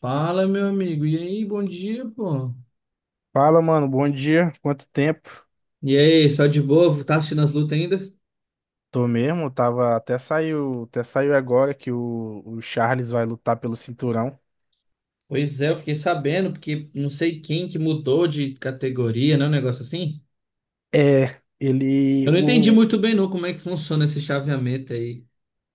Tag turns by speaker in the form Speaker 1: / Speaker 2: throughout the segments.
Speaker 1: Fala, meu amigo. E aí, bom dia, pô.
Speaker 2: Fala, mano, bom dia. Quanto tempo?
Speaker 1: E aí, só de boa? Tá assistindo as lutas ainda?
Speaker 2: Tô mesmo, tava até saiu agora que o Charles vai lutar pelo cinturão.
Speaker 1: Pois é, eu fiquei sabendo, porque não sei quem que mudou de categoria, né? Um negócio assim.
Speaker 2: É, ele
Speaker 1: Eu não entendi
Speaker 2: o
Speaker 1: muito bem, não, como é que funciona esse chaveamento aí.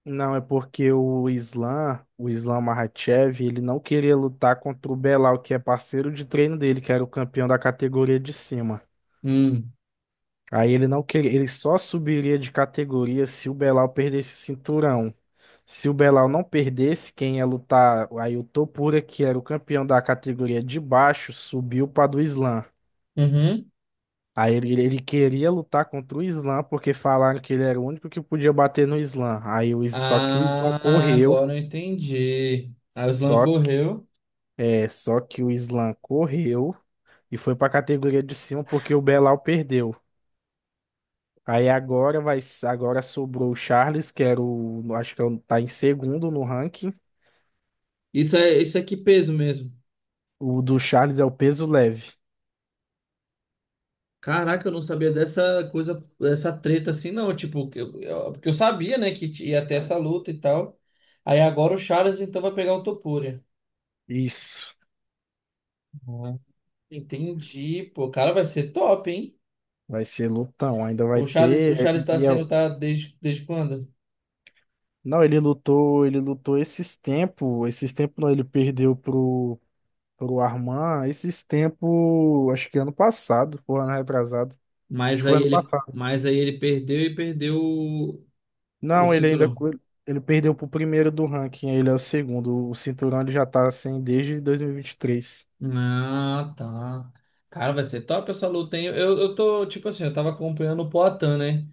Speaker 2: Não é porque o Islam Makhachev, ele não queria lutar contra o Belal, que é parceiro de treino dele, que era o campeão da categoria de cima.
Speaker 1: Hum.
Speaker 2: Aí ele não queria, ele só subiria de categoria se o Belal perdesse o cinturão. Se o Belal não perdesse, quem ia lutar, aí o Topura, que era o campeão da categoria de baixo, subiu para do Islã.
Speaker 1: Uhum.
Speaker 2: Aí ele queria lutar contra o Islã porque falaram que ele era o único que podia bater no Islã. Só que o Islã
Speaker 1: Ah,
Speaker 2: correu,
Speaker 1: agora eu entendi. A Aslan
Speaker 2: só que,
Speaker 1: correu.
Speaker 2: é, só que o Islã correu e foi para a categoria de cima porque o Belal perdeu. Aí agora vai, agora sobrou o Charles, que era o, acho que tá em segundo no ranking.
Speaker 1: Isso é que peso mesmo?
Speaker 2: O do Charles é o peso leve.
Speaker 1: Caraca, eu não sabia dessa coisa, dessa treta assim, não. Tipo, porque eu sabia, né, que ia ter essa luta e tal. Aí agora o Charles então vai pegar o Topuria.
Speaker 2: Isso.
Speaker 1: Uhum. Entendi, pô, cara, vai ser top, hein?
Speaker 2: Vai ser lutão, ainda vai
Speaker 1: O Charles, o
Speaker 2: ter.
Speaker 1: Charles tá sendo tá desde, desde quando?
Speaker 2: Não, ele lutou esses tempos não, ele perdeu pro pro Arman, esses tempos, acho que ano passado, ou ano retrasado. Acho que
Speaker 1: Mas
Speaker 2: foi
Speaker 1: aí
Speaker 2: ano
Speaker 1: ele,
Speaker 2: passado.
Speaker 1: mas aí ele perdeu e perdeu o
Speaker 2: Não, ele ainda
Speaker 1: cinturão.
Speaker 2: co- Ele perdeu pro primeiro do ranking, ele é o segundo. O cinturão ele já tá sem desde
Speaker 1: Ah, tá. Cara, vai ser top essa luta, hein? Eu tô, tipo assim, eu tava acompanhando o Poatan, né?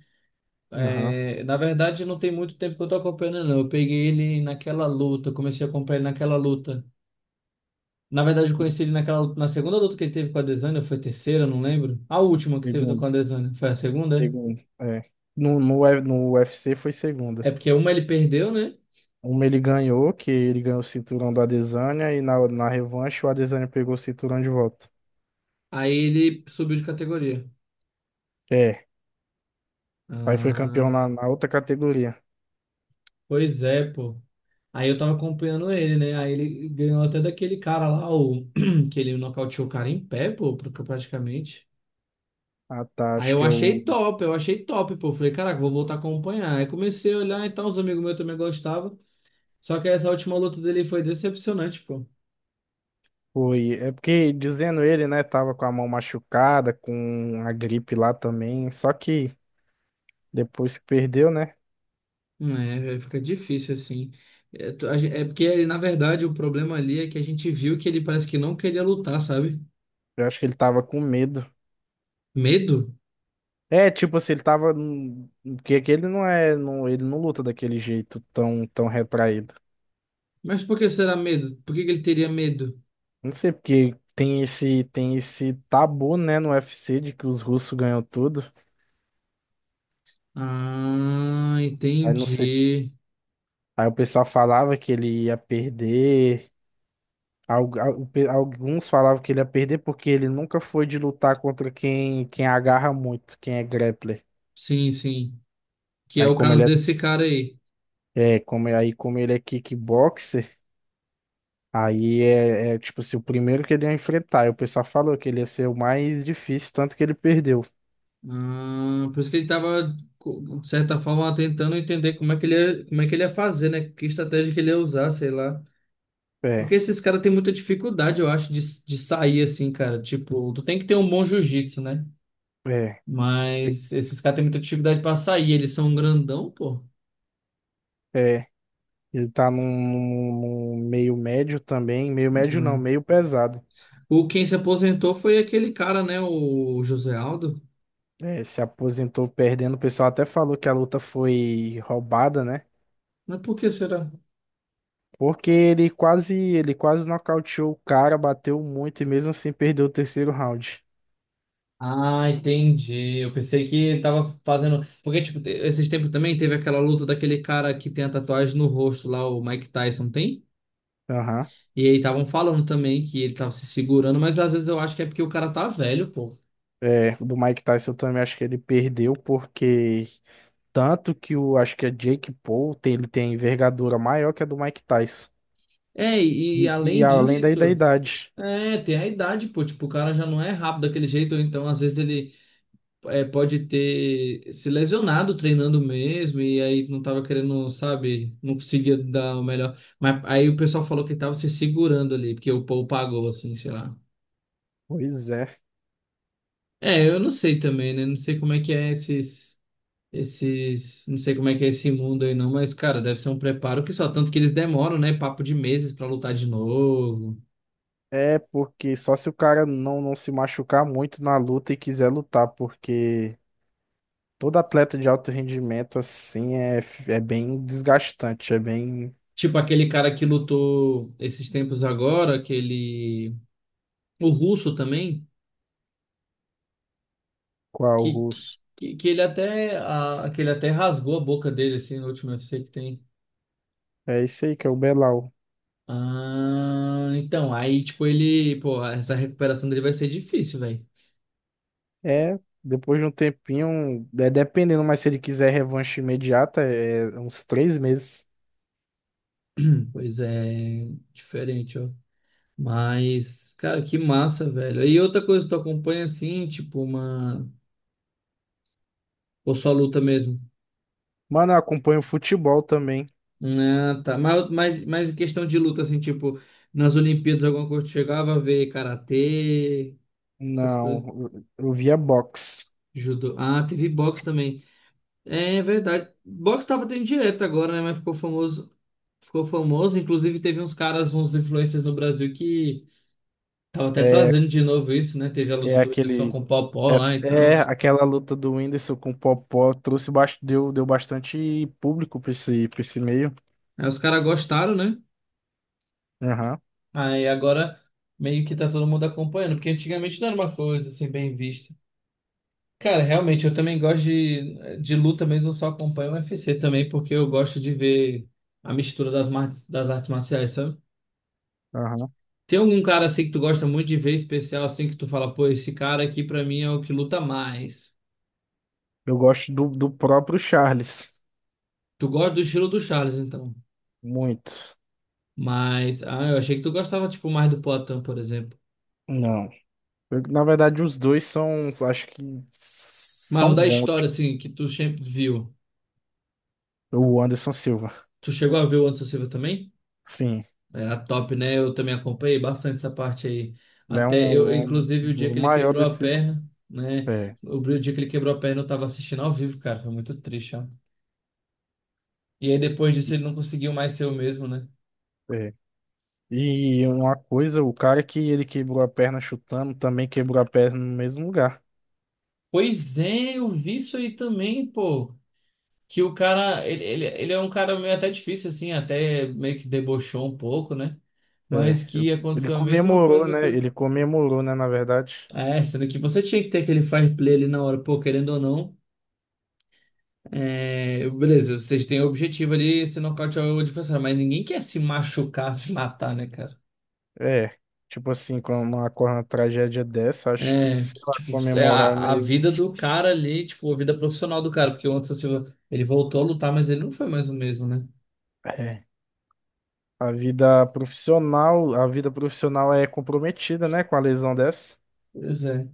Speaker 2: 2023.
Speaker 1: É, na verdade, não tem muito tempo que eu tô acompanhando, não. Eu peguei ele naquela luta, comecei a acompanhar ele naquela luta. Na verdade, eu conheci ele naquela, na segunda luta que ele teve com a Adesanya, ou foi a terceira, eu não lembro. A última que teve
Speaker 2: Segundo,
Speaker 1: com a Adesanya, foi a segunda?
Speaker 2: segundo, é. No UFC foi segunda.
Speaker 1: É porque uma ele perdeu, né?
Speaker 2: Uma ele ganhou, que ele ganhou o cinturão do Adesanya, e na revanche o Adesanya pegou o cinturão de volta.
Speaker 1: Aí ele subiu de categoria.
Speaker 2: É, aí foi
Speaker 1: Ah,
Speaker 2: campeão na outra categoria.
Speaker 1: pois é, pô. Aí eu tava acompanhando ele, né? Aí ele ganhou até daquele cara lá, o que ele nocauteou o cara em pé, pô, praticamente.
Speaker 2: Ah, tá,
Speaker 1: Aí
Speaker 2: acho que eu
Speaker 1: eu achei top, pô. Falei, caraca, vou voltar a acompanhar. Aí comecei a olhar, então os amigos meus também gostavam. Só que essa última luta dele foi decepcionante, pô.
Speaker 2: fui. É porque, dizendo ele, né, tava com a mão machucada, com a gripe lá também, só que depois que perdeu, né,
Speaker 1: É, fica difícil assim. É, é porque, na verdade, o problema ali é que a gente viu que ele parece que não queria lutar, sabe?
Speaker 2: eu acho que ele tava com medo.
Speaker 1: Medo?
Speaker 2: É, tipo assim, Porque aquele não é. Não, ele não luta daquele jeito tão, tão retraído.
Speaker 1: Mas por que será medo? Por que que ele teria medo?
Speaker 2: Não sei porque tem esse tabu, né, no UFC de que os russos ganham tudo.
Speaker 1: Ah,
Speaker 2: Aí não sei,
Speaker 1: entendi.
Speaker 2: aí o pessoal falava que ele ia perder. Alguns falavam que ele ia perder porque ele nunca foi de lutar contra quem agarra muito, quem é grappler.
Speaker 1: Sim, sim. Que é
Speaker 2: Aí
Speaker 1: o
Speaker 2: como
Speaker 1: caso
Speaker 2: ele
Speaker 1: desse cara aí.
Speaker 2: é, como ele é kickboxer, aí é tipo assim, o primeiro que ele ia enfrentar. Aí o pessoal falou que ele ia ser o mais difícil, tanto que ele perdeu.
Speaker 1: Ah, por isso que ele estava, de certa forma, tentando entender como é que ele ia, como é que ele ia fazer, né? Que estratégia que ele ia usar, sei lá. Porque
Speaker 2: É,
Speaker 1: esses caras têm muita dificuldade, eu acho, de sair assim, cara. Tipo, tu tem que ter um bom jiu-jitsu, né?
Speaker 2: é.
Speaker 1: Mas esses caras têm muita dificuldade pra sair. Eles são um grandão, pô.
Speaker 2: É, ele tá meio médio também. Meio médio não,
Speaker 1: Hum.
Speaker 2: meio pesado.
Speaker 1: O quem se aposentou foi aquele cara, né? O José Aldo.
Speaker 2: É, se aposentou perdendo. O pessoal até falou que a luta foi roubada, né?
Speaker 1: Mas por que será?
Speaker 2: Porque ele quase nocauteou o cara, bateu muito e mesmo assim perdeu o terceiro round.
Speaker 1: Ah, entendi. Eu pensei que ele tava fazendo. Porque, tipo, esses tempos também teve aquela luta daquele cara que tem a tatuagem no rosto lá, o Mike Tyson tem.
Speaker 2: Aham.
Speaker 1: E aí estavam falando também que ele tava se segurando, mas às vezes eu acho que é porque o cara tá velho, pô.
Speaker 2: É, o do Mike Tyson eu também acho que ele perdeu porque tanto que o, acho que é Jake Paul, tem, ele tem a envergadura maior que a do Mike Tyson.
Speaker 1: É, e
Speaker 2: E
Speaker 1: além
Speaker 2: além daí da
Speaker 1: disso,
Speaker 2: idade.
Speaker 1: é, tem a idade, pô. Tipo, o cara já não é rápido daquele jeito, ou então às vezes ele. É, pode ter se lesionado treinando mesmo e aí não tava querendo, sabe, não conseguia dar o melhor. Mas aí o pessoal falou que tava se segurando ali, porque o povo pagou, assim, sei lá.
Speaker 2: Pois é.
Speaker 1: É, eu não sei também, né? Não sei como é que é esses, esses, não sei como é que é esse mundo aí não, mas, cara, deve ser um preparo que só tanto que eles demoram, né? Papo de meses pra lutar de novo.
Speaker 2: É porque só se o cara não, não se machucar muito na luta e quiser lutar, porque todo atleta de alto rendimento, assim, é, é bem desgastante, é bem
Speaker 1: Tipo aquele cara que lutou esses tempos agora, aquele, o russo também.
Speaker 2: qual
Speaker 1: Que,
Speaker 2: russo.
Speaker 1: que ele até, ah, que ele até rasgou a boca dele, assim, no último UFC que tem.
Speaker 2: É isso aí que é o Belal.
Speaker 1: Ah, então, aí, tipo, ele, pô, essa recuperação dele vai ser difícil, velho.
Speaker 2: É, depois de um tempinho, é, dependendo, mas se ele quiser revanche imediata, é uns 3 meses.
Speaker 1: Pois é, diferente, ó. Mas, cara, que massa, velho. E outra coisa, tu acompanha assim, tipo, uma. Ou só luta mesmo?
Speaker 2: Mano, eu acompanho futebol também.
Speaker 1: Ah, tá. Mas em questão de luta, assim, tipo, nas Olimpíadas, alguma coisa tu chegava a ver karatê, essas coisas.
Speaker 2: Não, eu via boxe.
Speaker 1: Judô. Ah, teve boxe também. É verdade. Box tava tendo direto agora, né? Mas ficou famoso. Ficou famoso. Inclusive, teve uns caras, uns influencers no Brasil que tava até
Speaker 2: É,
Speaker 1: trazendo de novo isso, né? Teve a luta
Speaker 2: é
Speaker 1: do Whindersson
Speaker 2: aquele.
Speaker 1: com o Paw-Paw lá,
Speaker 2: É, é,
Speaker 1: então.
Speaker 2: aquela luta do Whindersson com o Popó trouxe, deu, deu bastante público pra esse meio.
Speaker 1: Aí os caras gostaram, né?
Speaker 2: Aham,
Speaker 1: Aí agora meio que tá todo mundo acompanhando, porque antigamente não era uma coisa assim bem vista. Cara, realmente, eu também gosto de luta mesmo, eu só acompanho o UFC também, porque eu gosto de ver a mistura das, das artes marciais, sabe?
Speaker 2: aham.
Speaker 1: Tem algum cara assim que tu gosta muito de ver especial, assim que tu fala, pô, esse cara aqui pra mim é o que luta mais.
Speaker 2: Eu gosto do, do próprio Charles.
Speaker 1: Tu gosta do estilo do Charles, então.
Speaker 2: Muito.
Speaker 1: Mas, ah, eu achei que tu gostava, tipo, mais do Poatan, por exemplo.
Speaker 2: Não. Na verdade, os dois são, acho que
Speaker 1: Mas o
Speaker 2: são
Speaker 1: da
Speaker 2: bons.
Speaker 1: história,
Speaker 2: Tipo,
Speaker 1: assim, que tu sempre viu.
Speaker 2: o Anderson Silva.
Speaker 1: Tu chegou a ver o Anderson Silva também?
Speaker 2: Sim.
Speaker 1: Era top, né? Eu também acompanhei bastante essa parte aí.
Speaker 2: Ele é
Speaker 1: Até eu,
Speaker 2: um, um
Speaker 1: inclusive, o dia
Speaker 2: dos
Speaker 1: que ele
Speaker 2: maiores
Speaker 1: quebrou a
Speaker 2: desse.
Speaker 1: perna, né?
Speaker 2: É,
Speaker 1: O dia que ele quebrou a perna, eu tava assistindo ao vivo, cara. Foi muito triste, ó. E aí depois disso ele não conseguiu mais ser o mesmo, né?
Speaker 2: é. E uma coisa, o cara que ele quebrou a perna chutando também quebrou a perna no mesmo lugar.
Speaker 1: Pois é, eu vi isso aí também, pô. Que o cara, ele é um cara meio até difícil, assim, até meio que debochou um pouco, né?
Speaker 2: É,
Speaker 1: Mas que
Speaker 2: ele
Speaker 1: aconteceu a mesma
Speaker 2: comemorou,
Speaker 1: coisa
Speaker 2: né?
Speaker 1: que.
Speaker 2: Ele comemorou, né? Na verdade,
Speaker 1: É, sendo que você tinha que ter aquele fire play ali na hora, pô, querendo ou não. É, beleza, vocês têm o objetivo ali, se nocautear o adversário, mas ninguém quer se machucar, se matar, né, cara?
Speaker 2: é. Tipo assim, quando ocorre uma tragédia dessa, acho que,
Speaker 1: É,
Speaker 2: sei
Speaker 1: que,
Speaker 2: lá,
Speaker 1: tipo, é
Speaker 2: comemorar é
Speaker 1: a
Speaker 2: meio.
Speaker 1: vida do cara ali, tipo, a vida profissional do cara, porque o Anderson Silva, ele voltou a lutar, mas ele não foi mais o mesmo, né?
Speaker 2: É. A vida profissional é comprometida, né? Com a lesão dessa.
Speaker 1: Pois é.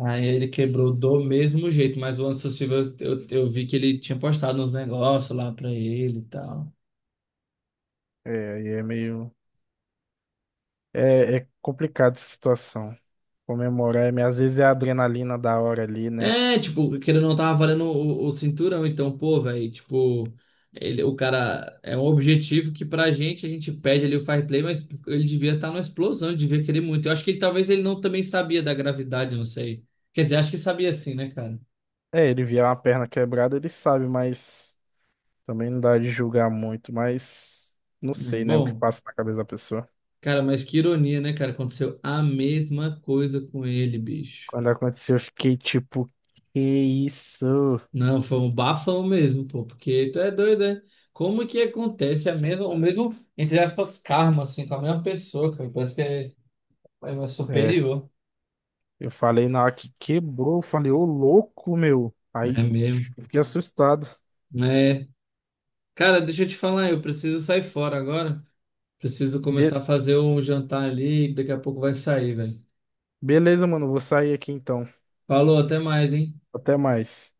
Speaker 1: Aí ele quebrou do mesmo jeito, mas o Anderson Silva, eu vi que ele tinha postado uns negócios lá pra ele e tal.
Speaker 2: É, aí é meio. É, é complicado essa situação. Comemorar, é meio- às vezes é a adrenalina da hora ali, né?
Speaker 1: É, tipo, que ele não tava valendo o cinturão, então, pô, velho, tipo, ele, o cara é um objetivo que pra gente, a gente pede ali o fair play, mas ele devia estar numa explosão, ele devia querer muito. Eu acho que ele talvez ele não também sabia da gravidade, eu não sei. Quer dizer, acho que sabia sim, né, cara?
Speaker 2: É, ele vier uma perna quebrada, ele sabe, mas também não dá de julgar muito, mas não
Speaker 1: É,
Speaker 2: sei, né? O que
Speaker 1: bom,
Speaker 2: passa na cabeça da pessoa.
Speaker 1: cara, mas que ironia, né, cara? Aconteceu a mesma coisa com ele, bicho.
Speaker 2: Quando aconteceu, eu fiquei tipo, que isso?
Speaker 1: Não, foi um bafão mesmo, pô, porque tu é doido, né? Como que acontece a mesma, o mesmo, entre aspas, karma, assim, com a mesma pessoa, cara? Parece que é, é
Speaker 2: É,
Speaker 1: superior.
Speaker 2: eu falei na hora que quebrou, eu falei, ô louco, meu.
Speaker 1: É
Speaker 2: Aí
Speaker 1: mesmo.
Speaker 2: eu fiquei assustado.
Speaker 1: É. Cara, deixa eu te falar, eu preciso sair fora agora. Preciso começar
Speaker 2: Be-
Speaker 1: a fazer o jantar ali, que daqui a pouco vai sair, velho.
Speaker 2: Beleza, mano, vou sair aqui então.
Speaker 1: Falou, até mais, hein?
Speaker 2: Até mais.